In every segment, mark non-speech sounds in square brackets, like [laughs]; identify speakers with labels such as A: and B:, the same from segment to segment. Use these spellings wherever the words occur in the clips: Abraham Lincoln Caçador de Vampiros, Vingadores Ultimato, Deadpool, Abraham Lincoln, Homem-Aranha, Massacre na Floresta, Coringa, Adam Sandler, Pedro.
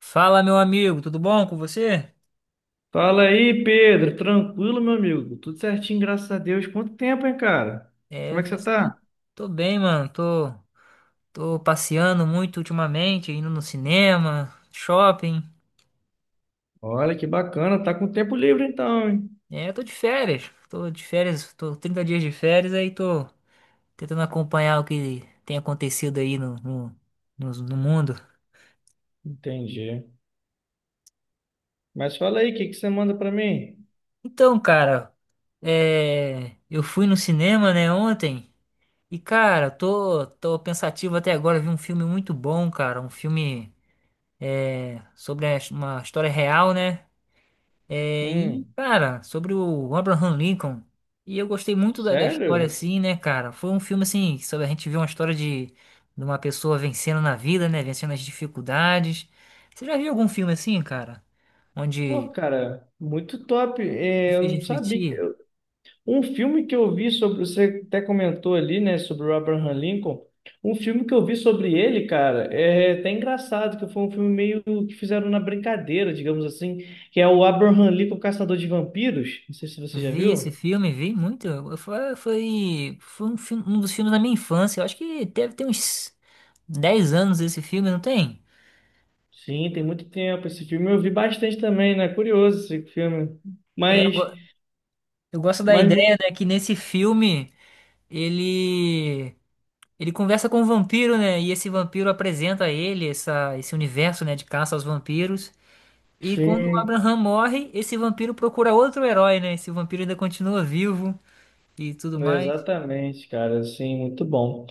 A: Fala, meu amigo, tudo bom com você?
B: Fala aí, Pedro. Tranquilo, meu amigo? Tudo certinho, graças a Deus. Quanto tempo, hein, cara?
A: É,
B: Como é que você
A: faz tempo.
B: tá?
A: Tô bem, mano. Tô passeando muito ultimamente, indo no cinema, shopping.
B: Olha que bacana, tá com tempo livre então, hein?
A: É, tô de férias. Tô de férias, tô 30 dias de férias, aí tô tentando acompanhar o que tem acontecido aí no mundo.
B: Entendi. Mas fala aí, o que que você manda pra mim?
A: Então, cara, eu fui no cinema, né, ontem. E, cara, tô pensativo até agora. Vi um filme muito bom, cara. Um filme. Sobre a- uma história real, né?
B: Hum,
A: Cara, sobre o Abraham Lincoln. E eu gostei muito da história,
B: sério?
A: assim, né, cara? Foi um filme, assim, sobre a gente ver uma história de uma pessoa vencendo na vida, né? Vencendo as dificuldades. Você já viu algum filme assim, cara? Onde
B: Pô, cara, muito top.
A: me
B: Eu
A: fez
B: não sabia.
A: refletir?
B: Um filme que eu vi sobre, você até comentou ali, né, sobre o Abraham Lincoln. Um filme que eu vi sobre ele, cara, é até engraçado, que foi um filme meio que fizeram na brincadeira, digamos assim, que é o Abraham Lincoln Caçador de Vampiros. Não sei se você já
A: Vi esse
B: viu.
A: filme, vi muito. Foi um, um dos filmes da minha infância. Eu acho que deve ter uns 10 anos esse filme, não tem?
B: Sim, tem muito tempo esse filme. Eu vi bastante também, né? Curioso esse filme.
A: É, eu
B: Mas,
A: go- Eu gosto da
B: mas muito.
A: ideia, né, que nesse filme ele ele conversa com um vampiro, né? E esse vampiro apresenta a ele essa, esse universo, né, de caça aos vampiros. E quando o
B: Sim.
A: Abraham morre, esse vampiro procura outro herói, né? Esse vampiro ainda continua vivo e tudo mais.
B: Exatamente, cara, assim, muito bom.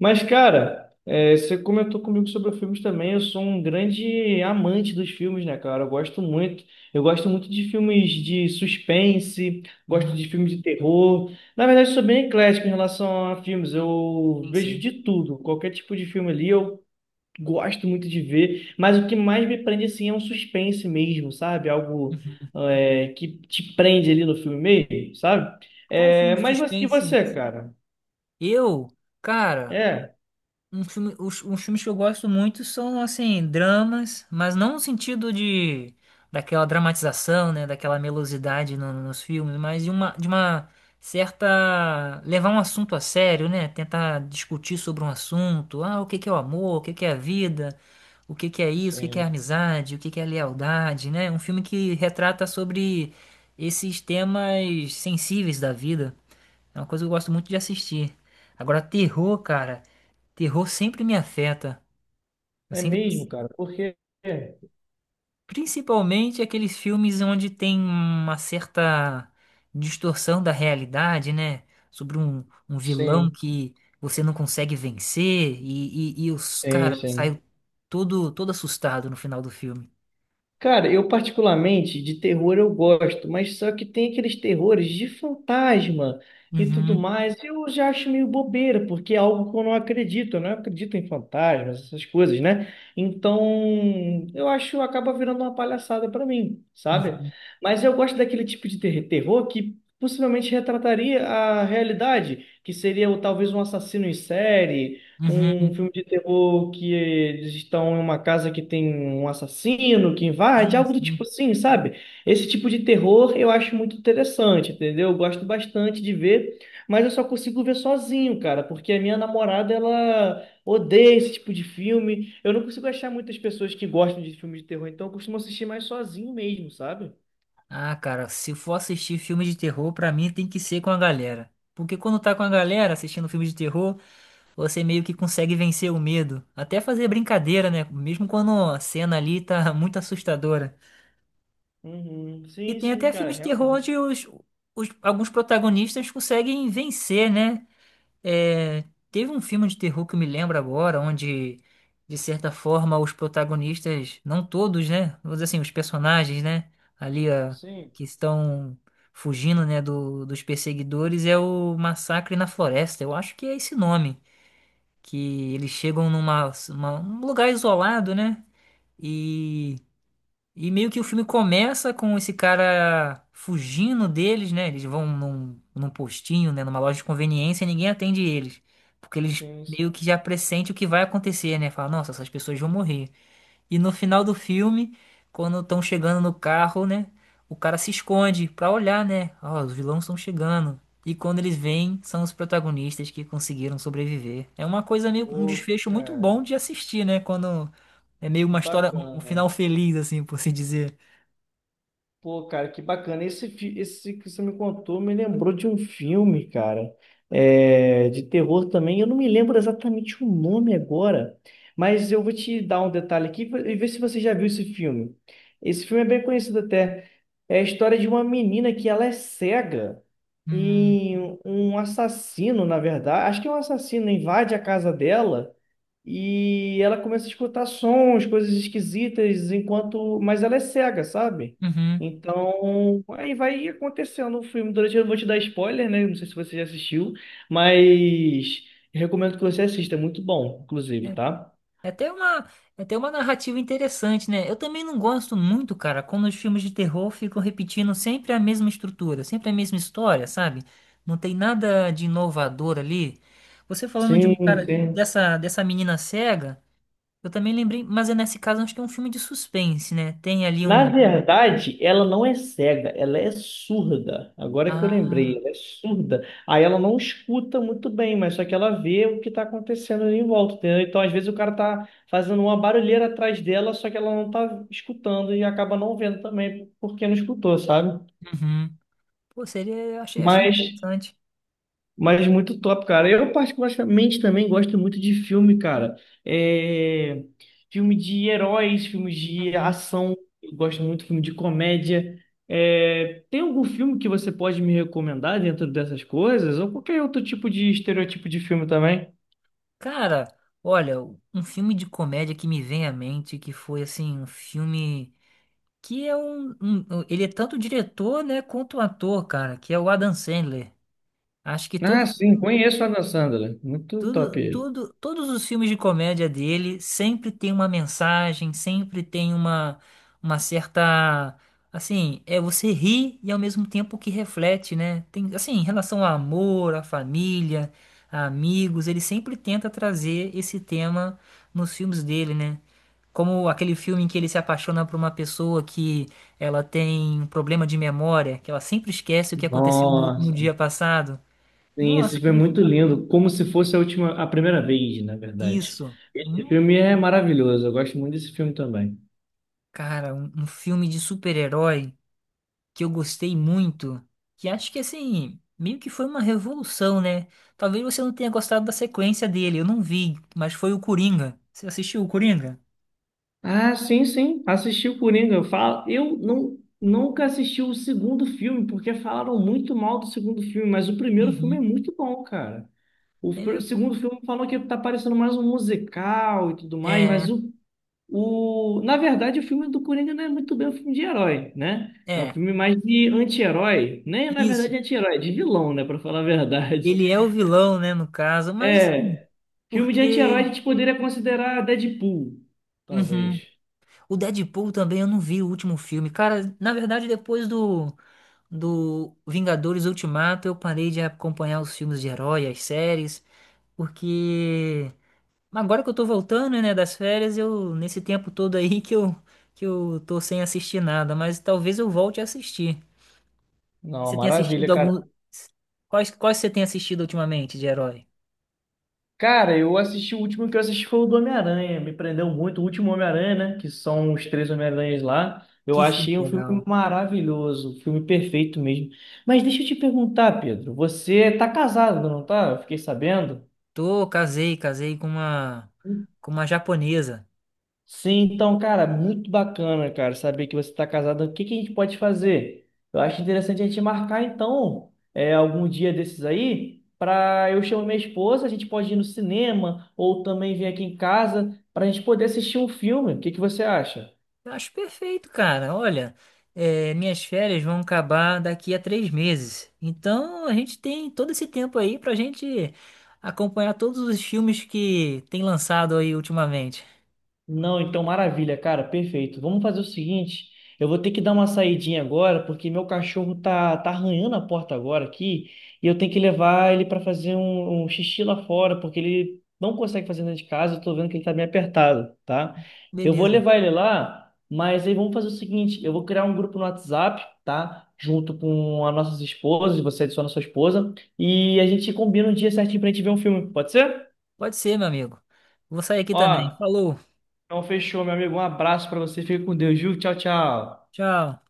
B: Mas, cara, você comentou comigo sobre filmes também. Eu sou um grande amante dos filmes, né, cara? Eu gosto muito. Eu gosto muito de filmes de suspense, gosto de
A: Hum,
B: filmes de terror. Na verdade, eu sou bem eclético em relação a filmes. Eu
A: sim,
B: vejo
A: sim.
B: de tudo, qualquer tipo de filme ali. Eu gosto muito de ver, mas o que mais me prende assim é um suspense mesmo, sabe? Algo
A: Uhum.
B: que te prende ali no filme mesmo, sabe?
A: Qual o filme
B: É,
A: de
B: mas
A: suspense?
B: você, cara?
A: Eu, cara.
B: É,
A: Um filme, os filmes que eu gosto muito são, assim, dramas, mas não no sentido de daquela dramatização, né, daquela melosidade nos filmes, mas de de uma certa levar um assunto a sério, né, tentar discutir sobre um assunto, ah, o que que é o amor, o que que é a vida, o que que é isso, o que que é a
B: sim,
A: amizade, o que que é a lealdade, né, um filme que retrata sobre esses temas sensíveis da vida, é uma coisa que eu gosto muito de assistir. Agora, terror, cara. Terror sempre me afeta. Eu
B: é
A: sempre,
B: mesmo, cara, porque
A: Principalmente aqueles filmes onde tem uma certa distorção da realidade, né? Sobre um vilão
B: sim,
A: que você não consegue vencer e, e os
B: sim,
A: cara
B: sim.
A: saem todo assustado no final do filme.
B: Cara, eu particularmente de terror eu gosto, mas só que tem aqueles terrores de fantasma e tudo
A: Uhum,
B: mais. Eu já acho meio bobeira, porque é algo que eu não acredito em fantasmas, essas coisas, né? Então, eu acho acaba virando uma palhaçada pra mim, sabe?
A: uhum,
B: Mas eu gosto daquele tipo de terror que possivelmente retrataria a realidade, que seria talvez um assassino em série, um
A: uhum.
B: filme de terror que eles estão em uma casa que tem um assassino que invade,
A: Sim,
B: algo do tipo
A: sim.
B: assim, sabe? Esse tipo de terror eu acho muito interessante, entendeu? Eu gosto bastante de ver, mas eu só consigo ver sozinho, cara, porque a minha namorada, ela odeia esse tipo de filme. Eu não consigo achar muitas pessoas que gostam de filme de terror, então eu costumo assistir mais sozinho mesmo, sabe?
A: Ah, cara, se for assistir filme de terror, pra mim tem que ser com a galera. Porque quando tá com a galera assistindo filme de terror você meio que consegue vencer o medo. Até fazer brincadeira, né? Mesmo quando a cena ali tá [laughs] muito assustadora.
B: Uhum.
A: E
B: Sim,
A: tem
B: sim,
A: até
B: cara,
A: filme de terror
B: realmente.
A: onde alguns protagonistas conseguem vencer, né? É, teve um filme de terror que eu me lembro agora, onde, de certa forma, os protagonistas, não todos, né? Vamos dizer assim, os personagens, né? Ali, ó,
B: Sim,
A: que estão fugindo, né, dos perseguidores, é o Massacre na Floresta. Eu acho que é esse nome que eles chegam um lugar isolado, né? E, e meio que o filme começa com esse cara fugindo deles, né? Eles vão num postinho, né? Numa loja de conveniência e ninguém atende eles. Porque eles
B: sim, sim.
A: meio que já pressentem o que vai acontecer, né? Fala, nossa, essas pessoas vão morrer. E no final do filme, quando estão chegando no carro, né? O cara se esconde pra olhar, né? Ó, os vilões estão chegando. E quando eles vêm, são os protagonistas que conseguiram sobreviver. É uma coisa meio um
B: Pô,
A: desfecho muito
B: cara,
A: bom de assistir, né? Quando é meio
B: que
A: uma história, um
B: bacana.
A: final feliz, assim, por se dizer.
B: Pô, cara, que bacana. Esse que você me contou me lembrou de um filme, cara, de terror também. Eu não me lembro exatamente o nome agora, mas eu vou te dar um detalhe aqui e ver se você já viu esse filme. Esse filme é bem conhecido até. É a história de uma menina que ela é cega
A: Hum,
B: e um assassino, na verdade, acho que é um assassino, invade a casa dela. E ela começa a escutar sons, coisas esquisitas, enquanto. Mas ela é cega, sabe?
A: uhum.
B: Então, aí vai acontecendo o filme. Durante, eu vou te dar spoiler, né? Não sei se você já assistiu, mas eu recomendo que você assista, é muito bom, inclusive,
A: É,
B: tá?
A: É até uma, é até uma narrativa interessante, né? Eu também não gosto muito, cara, quando os filmes de terror ficam repetindo sempre a mesma estrutura, sempre a mesma história, sabe? Não tem nada de inovador ali. Você falando de um
B: Sim,
A: cara,
B: sim.
A: dessa menina cega, eu também lembrei, mas é nesse caso acho que é um filme de suspense, né? Tem ali
B: Na
A: um.
B: verdade, ela não é cega, ela é surda. Agora que eu lembrei,
A: Ah,
B: ela é surda. Aí ela não escuta muito bem, mas só que ela vê o que está acontecendo ali em volta, entendeu? Então, às vezes, o cara tá fazendo uma barulheira atrás dela, só que ela não tá escutando e acaba não vendo também porque não escutou, sabe?
A: uhum. Pô, seria. Eu Achei, achei
B: Mas
A: interessante.
B: Mas muito top, cara. Eu particularmente também gosto muito de filme, cara. É... Filme de heróis, filmes de
A: Uhum.
B: ação. Eu gosto muito de filme de comédia. É, tem algum filme que você pode me recomendar dentro dessas coisas? Ou qualquer outro tipo de estereotipo de filme também?
A: Cara, olha, um filme de comédia que me vem à mente, que foi assim, um filme. Que é ele é tanto diretor, né, quanto ator, cara, que é o Adam Sandler. Acho que
B: Ah, sim, conheço o Adam Sandler. Muito top ele.
A: todos os filmes de comédia dele sempre tem uma mensagem, sempre tem uma certa. Assim, é você ri e ao mesmo tempo que reflete, né? Tem, assim, em relação ao amor, à família, a amigos, ele sempre tenta trazer esse tema nos filmes dele, né? Como aquele filme em que ele se apaixona por uma pessoa que ela tem um problema de memória, que ela sempre esquece o que aconteceu no
B: Nossa,
A: dia passado.
B: sim, esse
A: Nossa,
B: filme é
A: aquele.
B: muito lindo, como se fosse a última, a primeira vez, na verdade.
A: Isso.
B: Esse filme é maravilhoso, eu gosto muito desse filme também.
A: Cara, um filme de super-herói que eu gostei muito, que acho que assim, meio que foi uma revolução, né? Talvez você não tenha gostado da sequência dele, eu não vi, mas foi o Coringa. Você assistiu o Coringa?
B: Ah, sim, sim. Assisti o Coringa. Eu falo, eu não, nunca assisti o segundo filme, porque falaram muito mal do segundo filme, mas o primeiro filme é
A: Uhum.
B: muito bom, cara. O, pr-
A: É,
B: o segundo filme falam que tá parecendo mais um musical e tudo mais, mas na verdade, o filme do Coringa não é muito bem um filme de herói, né?
A: é,
B: É um
A: é,
B: filme mais de anti-herói, nem na
A: isso.
B: verdade anti-herói, de vilão, né, pra falar a verdade.
A: Ele é
B: [laughs]
A: o vilão, né, no caso, mas assim,
B: É, filme de anti-herói a
A: porque
B: gente poderia considerar Deadpool, talvez.
A: uhum. O Deadpool também eu não vi o último filme. Cara, na verdade, depois do Vingadores Ultimato, eu parei de acompanhar os filmes de herói, as séries, porque agora que eu tô voltando, né, das férias, eu nesse tempo todo aí que eu tô sem assistir nada, mas talvez eu volte a assistir.
B: Não,
A: Você tem assistido
B: maravilha, cara.
A: algum. Quais você tem assistido ultimamente de herói?
B: Cara, eu assisti, o último que eu assisti foi o do Homem-Aranha, me prendeu muito, o último Homem-Aranha, né, que são os três Homem-Aranhas lá, eu
A: Que filme
B: achei um filme
A: legal.
B: maravilhoso, um filme perfeito mesmo. Mas deixa eu te perguntar, Pedro, você tá casado, não tá? Eu fiquei sabendo.
A: Tô, casei com com uma japonesa.
B: Sim, então, cara, muito bacana, cara, saber que você está casado. O que que a gente pode fazer? Eu acho interessante a gente marcar, então, algum dia desses aí, para eu chamar minha esposa, a gente pode ir no cinema ou também vir aqui em casa para a gente poder assistir um filme. O que que você acha?
A: Eu acho perfeito, cara. Olha, eh, minhas férias vão acabar daqui a 3 meses. Então a gente tem todo esse tempo aí pra gente acompanhar todos os filmes que tem lançado aí ultimamente.
B: Não, então maravilha, cara, perfeito. Vamos fazer o seguinte, eu vou ter que dar uma saidinha agora, porque meu cachorro tá arranhando a porta agora aqui, e eu tenho que levar ele para fazer um xixi lá fora, porque ele não consegue fazer dentro de casa, eu tô vendo que ele tá bem apertado, tá? Eu vou
A: Beleza.
B: levar ele lá, mas aí vamos fazer o seguinte, eu vou criar um grupo no WhatsApp, tá? Junto com as nossas esposas, você adiciona a sua esposa, e a gente combina um dia certinho pra gente ver um filme, pode ser?
A: Pode ser, meu amigo. Vou sair aqui também.
B: Ó,
A: Falou.
B: então, fechou, meu amigo. Um abraço pra você. Fica com Deus, viu? Tchau, tchau.
A: Tchau.